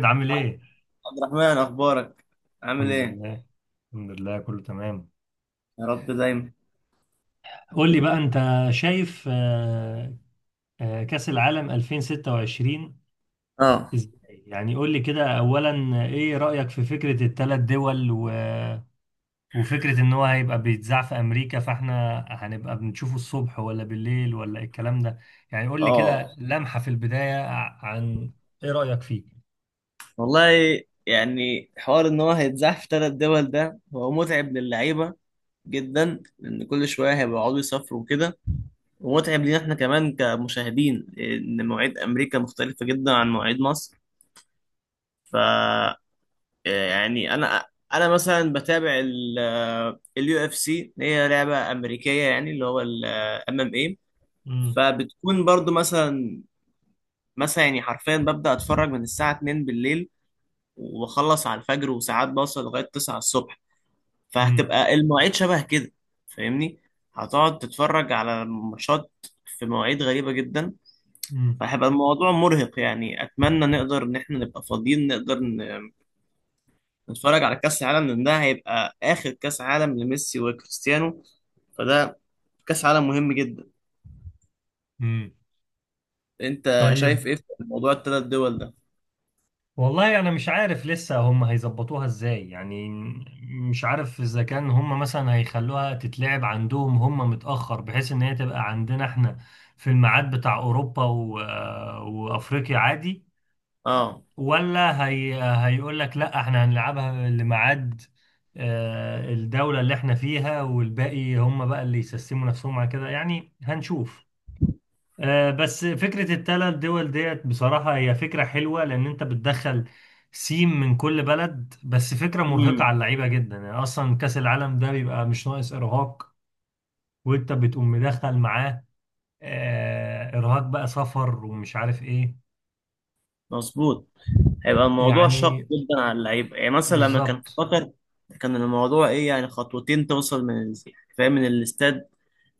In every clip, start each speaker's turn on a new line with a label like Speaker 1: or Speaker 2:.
Speaker 1: زياد، عامل ايه؟
Speaker 2: عبد الرحمن، اخبارك؟ عامل
Speaker 1: الحمد
Speaker 2: ايه؟
Speaker 1: لله. الحمد لله، كله تمام.
Speaker 2: يا رب دايما.
Speaker 1: قول لي بقى انت، شايف كأس العالم 2026
Speaker 2: اه.
Speaker 1: ازاي؟ يعني قول لي كده اولا، ايه رأيك في فكرة الثلاث دول وفكرة ان هو هيبقى بيتذاع في امريكا، فاحنا هنبقى بنشوفه الصبح ولا بالليل ولا إيه الكلام ده؟ يعني قول لي
Speaker 2: اه.
Speaker 1: كده لمحة في البداية عن ايه رأيك فيه؟
Speaker 2: والله، يعني حوار ان هو هيتزاح في ثلاث دول ده هو متعب للعيبه جدا لان كل شويه هيقعدوا يسافروا وكده. ومتعب لينا احنا كمان كمشاهدين ان مواعيد امريكا مختلفه جدا عن مواعيد مصر. ف يعني، انا مثلا بتابع اليو اف سي، هي لعبه امريكيه، يعني اللي هو الام ام اي.
Speaker 1: امم.
Speaker 2: فبتكون برضو مثلا يعني حرفيا ببدأ اتفرج من الساعة 2 بالليل وبخلص على الفجر، وساعات بوصل لغاية 9 الصبح.
Speaker 1: امم.
Speaker 2: فهتبقى المواعيد شبه كده، فاهمني، هتقعد تتفرج على ماتشات في مواعيد غريبة جدا. فهيبقى الموضوع مرهق. يعني اتمنى نقدر ان احنا نبقى فاضيين نقدر نتفرج على كأس العالم، لان ده هيبقى اخر كأس عالم لميسي وكريستيانو. فده كأس عالم مهم جدا.
Speaker 1: امم.
Speaker 2: انت
Speaker 1: طيب،
Speaker 2: شايف ايه في موضوع الثلاث دول ده؟
Speaker 1: والله انا مش عارف لسه هم هيظبطوها ازاي يعني. مش عارف اذا كان هم مثلا هيخلوها تتلعب عندهم هم متأخر بحيث ان هي تبقى عندنا احنا في الميعاد بتاع اوروبا وافريقيا عادي،
Speaker 2: اه.
Speaker 1: ولا هيقول لك لا احنا هنلعبها لميعاد الدولة اللي احنا فيها، والباقي هم بقى اللي يسسموا نفسهم على كده، يعني هنشوف. بس فكرة التلات دول ديت بصراحة هي فكرة حلوة، لأن أنت بتدخل سيم من كل بلد، بس فكرة مرهقة على
Speaker 2: امم.
Speaker 1: اللعيبة جدا، يعني أصلا كأس العالم ده بيبقى مش ناقص إرهاق، وأنت بتقوم مدخل معاه إرهاق بقى، سفر ومش عارف إيه.
Speaker 2: مظبوط، هيبقى الموضوع شاق
Speaker 1: يعني
Speaker 2: جدا على اللعيبه. يعني مثلا لما كان في
Speaker 1: بالظبط.
Speaker 2: قطر، كان الموضوع ايه، يعني خطوتين توصل من فاهم، من الاستاد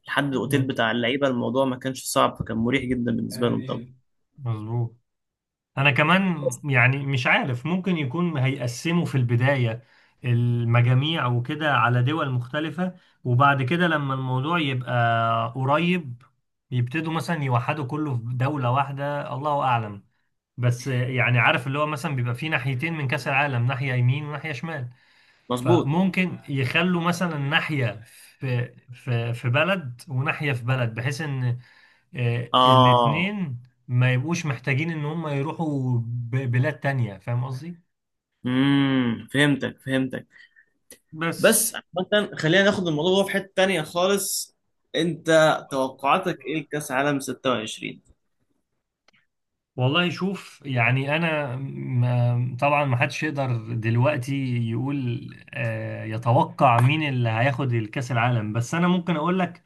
Speaker 2: لحد الاوتيل بتاع اللعيبه. الموضوع ما كانش صعب، فكان مريح جدا بالنسبه لهم طبعا.
Speaker 1: آمين. مظبوط. انا كمان، يعني مش عارف، ممكن يكون هيقسموا في البداية المجاميع وكده على دول مختلفة، وبعد كده لما الموضوع يبقى قريب، يبتدوا مثلا يوحدوا كله في دولة واحدة، الله اعلم. بس يعني عارف اللي هو مثلا بيبقى في ناحيتين من كأس العالم، ناحية يمين وناحية شمال،
Speaker 2: مظبوط.
Speaker 1: فممكن يخلوا مثلا ناحية في بلد وناحية في بلد، بحيث ان
Speaker 2: اه.
Speaker 1: الاتنين ما يبقوش محتاجين ان هم يروحوا بلاد تانية، فاهم قصدي؟
Speaker 2: امم. فهمتك.
Speaker 1: بس.
Speaker 2: بس عامة خلينا ناخد الموضوع في حته تانيه خالص. انت توقعاتك ايه لكاس عالم 26؟
Speaker 1: والله شوف، يعني انا ما طبعا ما حدش يقدر دلوقتي يقول يتوقع مين اللي هياخد الكاس العالم، بس انا ممكن اقول لك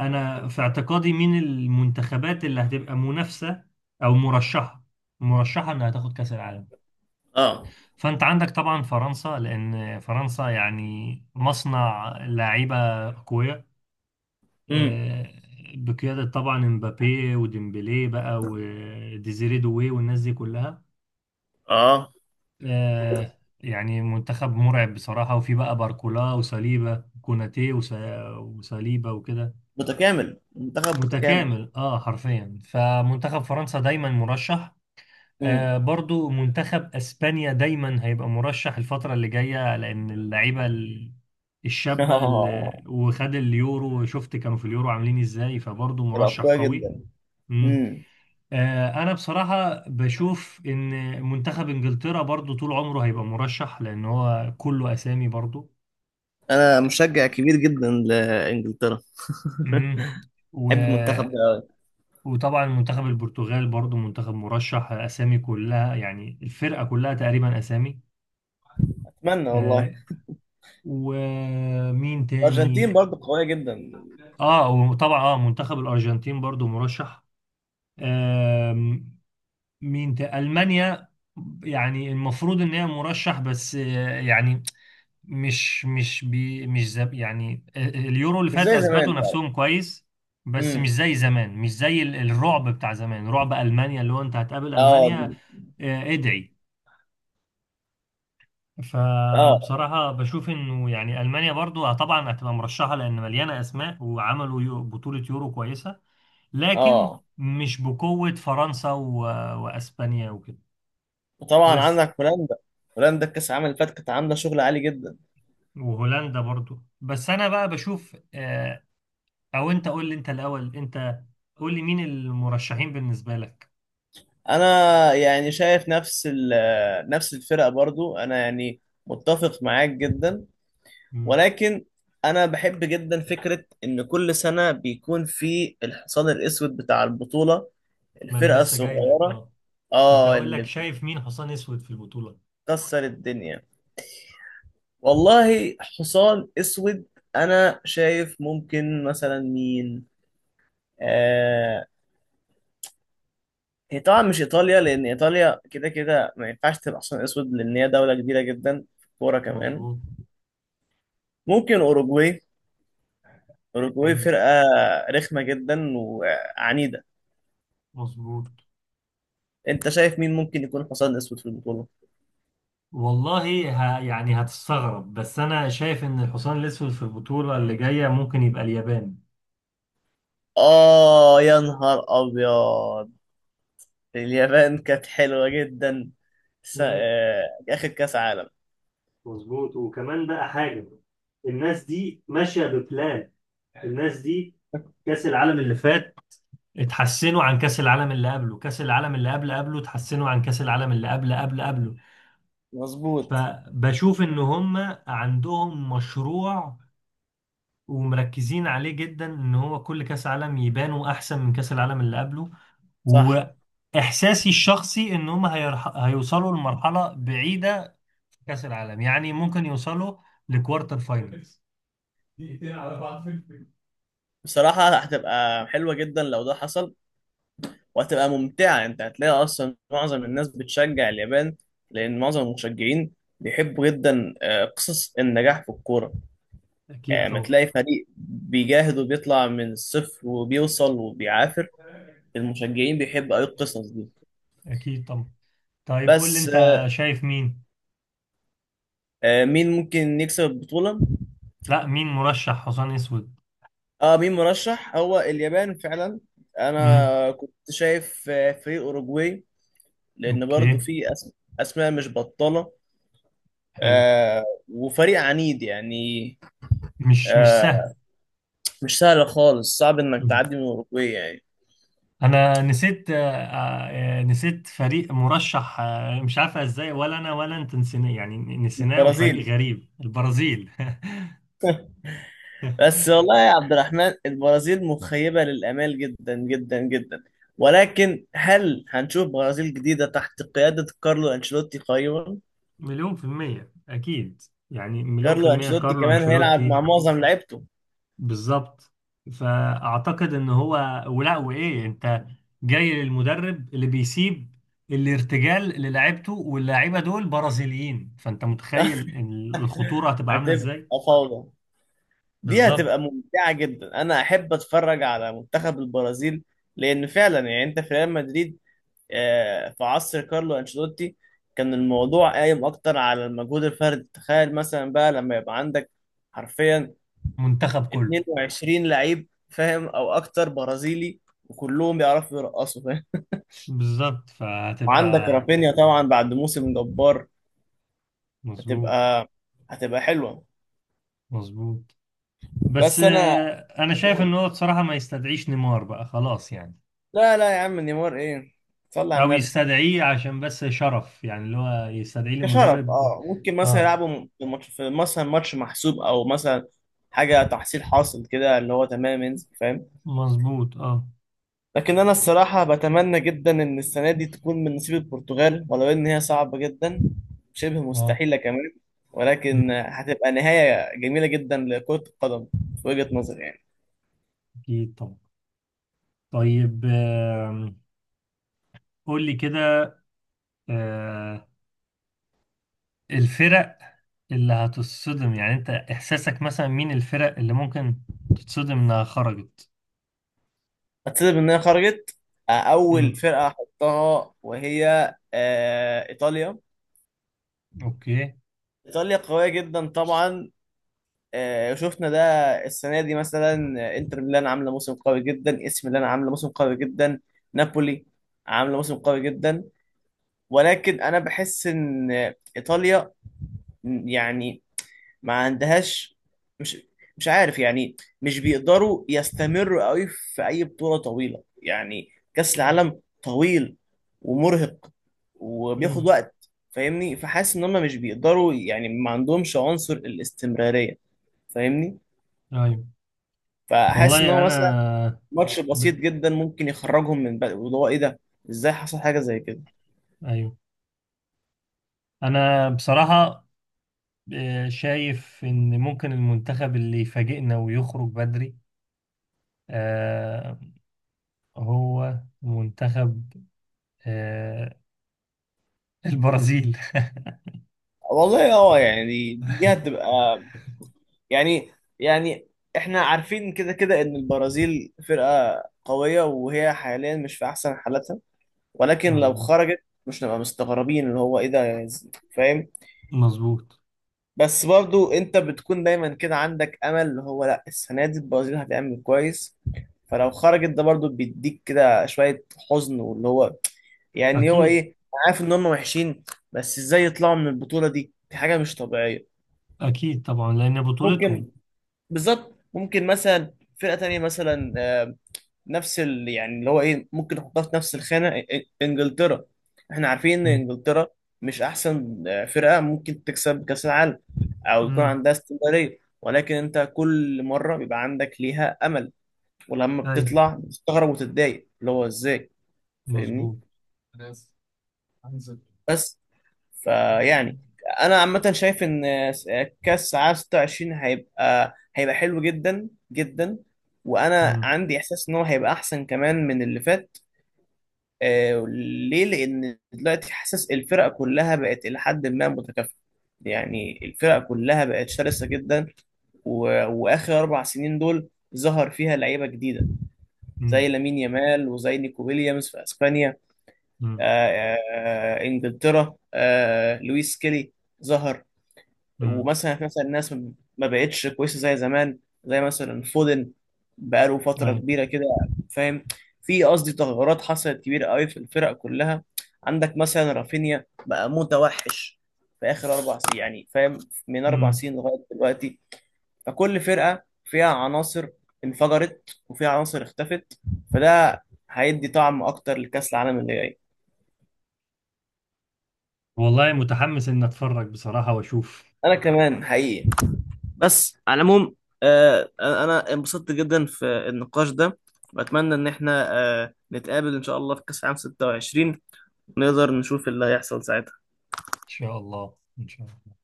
Speaker 1: انا في اعتقادي مين المنتخبات اللي هتبقى منافسة او مرشحة انها تاخد كاس العالم.
Speaker 2: اه.
Speaker 1: فانت عندك طبعا فرنسا، لان فرنسا يعني مصنع لعيبه اقوياء.
Speaker 2: امم.
Speaker 1: آه، بقياده طبعا امبابي وديمبلي بقى وديزيري دوي والناس دي كلها.
Speaker 2: اه،
Speaker 1: يعني منتخب مرعب بصراحه، وفي بقى باركولا وساليبا كوناتي وساليبا وكده.
Speaker 2: متكامل، منتخب متكامل.
Speaker 1: متكامل، اه حرفيا، فمنتخب فرنسا دايما مرشح.
Speaker 2: امم.
Speaker 1: برضو منتخب اسبانيا دايما هيبقى مرشح الفترة اللي جاية، لان اللعيبة الشابة اللي
Speaker 2: اه،
Speaker 1: وخد اليورو، شفت كانوا في اليورو عاملين ازاي، فبرضو مرشح
Speaker 2: الاقوياء
Speaker 1: قوي.
Speaker 2: جدا.
Speaker 1: مم.
Speaker 2: امم.
Speaker 1: انا بصراحة بشوف ان منتخب انجلترا برضو طول عمره هيبقى مرشح، لان هو كله اسامي برضو.
Speaker 2: انا مشجع كبير جدا لانجلترا.
Speaker 1: مم. و...
Speaker 2: بحب المنتخب ده أوي.
Speaker 1: وطبعا منتخب البرتغال برضو منتخب مرشح، اسامي كلها يعني، الفرقة كلها تقريبا اسامي.
Speaker 2: اتمنى والله.
Speaker 1: آه، ومين
Speaker 2: الارجنتين
Speaker 1: تاني؟
Speaker 2: برضه قويه جدا.
Speaker 1: اه، وطبعا منتخب الارجنتين برضو مرشح. آم، مين تاني؟ المانيا، يعني المفروض ان هي مرشح، بس يعني مش بي مش زب يعني اليورو اللي
Speaker 2: مش
Speaker 1: فات
Speaker 2: زي
Speaker 1: اثبتوا
Speaker 2: زمان.
Speaker 1: نفسهم كويس، بس مش
Speaker 2: امم.
Speaker 1: زي زمان، مش زي الرعب بتاع زمان، رعب المانيا اللي هو انت هتقابل
Speaker 2: اه.
Speaker 1: المانيا. ادعي،
Speaker 2: اه.
Speaker 1: فبصراحة بشوف انه يعني المانيا برضو طبعا هتبقى مرشحة لان مليانة اسماء، وعملوا بطولة يورو كويسة، لكن
Speaker 2: اه.
Speaker 1: مش بقوة فرنسا واسبانيا وكده.
Speaker 2: وطبعا
Speaker 1: بس.
Speaker 2: عندك هولندا. هولندا الكاس العالم اللي فات كانت عامله شغل عالي جدا.
Speaker 1: وهولندا برضو، بس انا بقى بشوف او انت قول لي انت الاول، انت قول لي مين المرشحين بالنسبة لك.
Speaker 2: انا يعني شايف نفس الفرقه برضو. انا يعني متفق معاك جدا.
Speaker 1: مم.
Speaker 2: ولكن انا بحب جدا فكره ان كل سنه بيكون في الحصان الاسود بتاع البطوله،
Speaker 1: ما انا
Speaker 2: الفرقه
Speaker 1: لسه جاي لك،
Speaker 2: الصغيره.
Speaker 1: اه. كنت
Speaker 2: اه،
Speaker 1: هقول لك
Speaker 2: اللي
Speaker 1: شايف مين حصان اسود في البطولة.
Speaker 2: كسر الدنيا. والله حصان اسود، انا شايف ممكن مثلا مين؟ آه هي طبعا مش ايطاليا، لان ايطاليا كده كده ما ينفعش تبقى حصان اسود، لان هي دوله كبيره جدا في الكوره كمان.
Speaker 1: مظبوط.
Speaker 2: ممكن اوروجواي. اوروجواي
Speaker 1: حلو.
Speaker 2: فرقه رخمه جدا وعنيده.
Speaker 1: مظبوط.
Speaker 2: انت شايف مين ممكن يكون حصان اسود في البطوله؟
Speaker 1: والله يعني هتستغرب، بس انا شايف ان الحصان الاسود في البطولة اللي جاية ممكن يبقى اليابان.
Speaker 2: اه، يا نهار ابيض. اليابان كانت حلوه جدا س...
Speaker 1: مم.
Speaker 2: آه اخر كاس عالم.
Speaker 1: مظبوط. وكمان بقى حاجة، الناس دي ماشية ببلان. الناس دي، كأس العالم اللي فات، اتحسنوا عن كأس العالم اللي قبله، كأس العالم اللي قبل قبله اتحسنوا عن كأس العالم اللي قبل قبل قبله.
Speaker 2: مظبوط.
Speaker 1: فبشوف ان هم عندهم مشروع ومركزين عليه جدا، ان هو كل كأس عالم يبانوا احسن من كأس العالم اللي قبله.
Speaker 2: صح.
Speaker 1: واحساسي الشخصي ان هم هيوصلوا لمرحله بعيده في كاس العالم، يعني ممكن يوصلوا لكوارتر فاينلز. دقيقتين على بعض في الفيلم.
Speaker 2: بصراحة هتبقى حلوة جدا لو ده حصل، وهتبقى ممتعة. انت هتلاقي اصلا معظم الناس بتشجع اليابان، لان معظم المشجعين بيحبوا جدا قصص النجاح في الكورة.
Speaker 1: اكيد
Speaker 2: يعني ما
Speaker 1: طبعا.
Speaker 2: تلاقي فريق بيجاهد وبيطلع من الصفر وبيوصل وبيعافر، المشجعين بيحبوا اي القصص دي.
Speaker 1: اكيد طبعا. طيب قول لي
Speaker 2: بس
Speaker 1: انت شايف مين.
Speaker 2: مين ممكن يكسب البطولة؟
Speaker 1: لا، مين مرشح حصان اسود؟
Speaker 2: اه، مين مرشح؟ هو اليابان فعلا.
Speaker 1: امم.
Speaker 2: انا كنت شايف فريق اوروجواي، لان برضو
Speaker 1: اوكي.
Speaker 2: في اسماء مش بطالة.
Speaker 1: حلو.
Speaker 2: وفريق عنيد يعني.
Speaker 1: مش
Speaker 2: آه
Speaker 1: سهل.
Speaker 2: مش سهل خالص، صعب انك تعدي من الاوروجواي يعني.
Speaker 1: انا نسيت فريق مرشح، مش عارفه ازاي، ولا انا ولا انت نسيناه، يعني نسيناه، وفريق
Speaker 2: البرازيل؟
Speaker 1: غريب، البرازيل.
Speaker 2: بس والله يا عبد الرحمن، البرازيل مخيبة للآمال جدا جدا جدا. ولكن هل هنشوف برازيل جديدة تحت قيادة كارلو أنشيلوتي قريبا؟
Speaker 1: مليون في المية اكيد. يعني مليون في
Speaker 2: كارلو
Speaker 1: المية
Speaker 2: أنشيلوتي
Speaker 1: كارلو
Speaker 2: كمان هيلعب
Speaker 1: انشيلوتي.
Speaker 2: مع معظم لعيبته.
Speaker 1: بالظبط، فاعتقد ان هو ولا وايه انت؟ جاي للمدرب اللي بيسيب الارتجال للاعيبته، واللاعيبه دول برازيليين، فانت متخيل إن الخطوره هتبقى عامله
Speaker 2: هتبقى
Speaker 1: ازاي.
Speaker 2: فوضى. دي
Speaker 1: بالظبط.
Speaker 2: هتبقى ممتعة جدا. أنا أحب أتفرج على منتخب البرازيل، لأن فعلا يعني أنت في ريال مدريد في عصر كارلو أنشيلوتي كان الموضوع قايم أكتر على المجهود الفردي. تخيل مثلا بقى لما يبقى عندك حرفيا
Speaker 1: منتخب كله.
Speaker 2: 22 لعيب، فاهم، أو أكتر برازيلي، وكلهم بيعرفوا يرقصوا، فاهم.
Speaker 1: بالظبط
Speaker 2: وعندك
Speaker 1: فهتبقى.
Speaker 2: رافينيا طبعا بعد موسم جبار.
Speaker 1: مظبوط.
Speaker 2: هتبقى هتبقى حلوة.
Speaker 1: مظبوط. بس
Speaker 2: بس أنا
Speaker 1: انا شايف ان
Speaker 2: أقول
Speaker 1: هو بصراحة ما يستدعيش نيمار بقى خلاص يعني،
Speaker 2: لا، لا يا عم، نيمار إيه؟ صلي على
Speaker 1: او
Speaker 2: النبي.
Speaker 1: يستدعيه عشان بس شرف، يعني اللي هو يستدعيه
Speaker 2: كشرف
Speaker 1: لمدرب.
Speaker 2: اه، ممكن مثلا
Speaker 1: اه،
Speaker 2: يلعبوا في ماتش، في مثلا ماتش محسوب، او مثلا حاجه تحصيل حاصل كده، اللي هو تمام ينزل، فاهم.
Speaker 1: مظبوط. اه.
Speaker 2: لكن انا الصراحه بتمنى جدا ان السنه دي تكون من نصيب البرتغال، ولو ان هي صعبه جدا، شبه
Speaker 1: اه.
Speaker 2: مستحيله كمان،
Speaker 1: مم.
Speaker 2: ولكن هتبقى نهايه جميله جدا لكره القدم في وجهه نظري يعني.
Speaker 1: اكيد طبعا. طيب قول لي كده آه، الفرق اللي هتصدم، يعني انت احساسك مثلا مين الفرق اللي ممكن تتصدم انها خرجت.
Speaker 2: هتسبب ان هي خرجت، اول
Speaker 1: امم.
Speaker 2: فرقه احطها وهي ايطاليا.
Speaker 1: اوكي.
Speaker 2: ايطاليا قويه جدا طبعا. شفنا ده السنه دي مثلا، انتر ميلان عامله موسم قوي جدا، اس ميلان عامله موسم قوي جدا، نابولي عامله موسم قوي جدا. ولكن انا بحس ان ايطاليا يعني ما عندهاش، مش مش عارف يعني، مش بيقدروا يستمروا قوي في اي بطولة طويلة يعني. كأس العالم طويل ومرهق وبياخد
Speaker 1: مم.
Speaker 2: وقت، فاهمني، فحاسس ان هم مش بيقدروا، يعني ما عندهمش عنصر الاستمرارية، فاهمني.
Speaker 1: ايوه.
Speaker 2: فحاسس ان
Speaker 1: والله
Speaker 2: هو مثلا
Speaker 1: انا
Speaker 2: ماتش بسيط
Speaker 1: ب...
Speaker 2: جدا ممكن يخرجهم من بقى، وده هو ايه ده، ازاي حصل حاجة زي كده.
Speaker 1: ايوه انا بصراحه شايف ان ممكن المنتخب اللي يفاجئنا ويخرج بدري آه، هو منتخب آه، البرازيل.
Speaker 2: والله اه، يعني دي هتبقى، يعني يعني احنا عارفين كده كده ان البرازيل فرقة قوية، وهي حاليا مش في احسن حالاتها. ولكن لو
Speaker 1: مظبوط.
Speaker 2: خرجت مش نبقى مستغربين اللي هو ايه ده، فاهم.
Speaker 1: مظبوط.
Speaker 2: بس برضو انت بتكون دايما كده عندك امل اللي هو لا، السنة دي البرازيل هتعمل كويس. فلو خرجت ده برضو بيديك كده شوية حزن واللي هو يعني هو
Speaker 1: اكيد.
Speaker 2: ايه، أنا عارف ان هم وحشين، بس ازاي يطلعوا من البطولة دي؟ دي حاجة مش طبيعية.
Speaker 1: اكيد طبعا، لان بطولتهم.
Speaker 2: ممكن، بالظبط، ممكن مثلا فرقة تانية مثلا، يعني اللي هو ايه، ممكن نحطها في نفس الخانه، انجلترا. احنا عارفين ان
Speaker 1: امم.
Speaker 2: انجلترا مش احسن فرقه ممكن تكسب كاس العالم، او يكون
Speaker 1: امم.
Speaker 2: عندها استمراريه، ولكن انت كل مره بيبقى عندك ليها امل، ولما
Speaker 1: ايوه.
Speaker 2: بتطلع بتستغرب وتتضايق اللي هو ازاي، فاهمني.
Speaker 1: مظبوط.
Speaker 2: بس فيعني انا عامه شايف ان كاس عام 26 هيبقى حلو جدا جدا. وانا
Speaker 1: امم.
Speaker 2: عندي احساس ان هو هيبقى احسن كمان من اللي فات. آه ليه؟ لأن دلوقتي حاسس الفرقة كلها بقت إلى حد ما متكافئة. يعني الفرقة كلها بقت شرسة جدا، و... وآخر 4 سنين دول ظهر فيها لعيبة جديدة زي
Speaker 1: امم.
Speaker 2: لامين يامال، وزي نيكو ويليامز في أسبانيا.
Speaker 1: امم.
Speaker 2: إنجلترا، لويس سكيلي ظهر.
Speaker 1: امم.
Speaker 2: ومثلا في مثلا الناس ما بقتش كويسه زي زمان، زي مثلا فودن بقاله فتره
Speaker 1: ايوه.
Speaker 2: كبيره كده، فاهم. في قصدي تغيرات حصلت كبيره قوي في الفرق كلها. عندك مثلا رافينيا بقى متوحش في اخر 4 سنين يعني، فاهم، من اربع
Speaker 1: امم.
Speaker 2: سنين لغايه دلوقتي. فكل فرقه فيها عناصر انفجرت وفيها عناصر اختفت. فده هيدي طعم اكتر لكاس العالم اللي جاي.
Speaker 1: والله متحمس ان اتفرج بصراحه واشوف.
Speaker 2: انا كمان حقيقي. بس على العموم، انا انبسطت جدا في النقاش ده، واتمنى ان احنا نتقابل ان شاء الله في كاس عام 26، ونقدر نشوف اللي هيحصل ساعتها.
Speaker 1: ان شاء الله، ان شاء الله.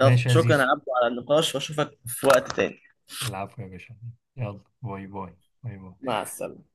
Speaker 2: يلا
Speaker 1: ماشي يا
Speaker 2: شكرا
Speaker 1: زيزو.
Speaker 2: يا عبدو على النقاش، واشوفك في وقت تاني.
Speaker 1: العفو يا باشا. يلا، باي باي. باي باي.
Speaker 2: مع السلامة.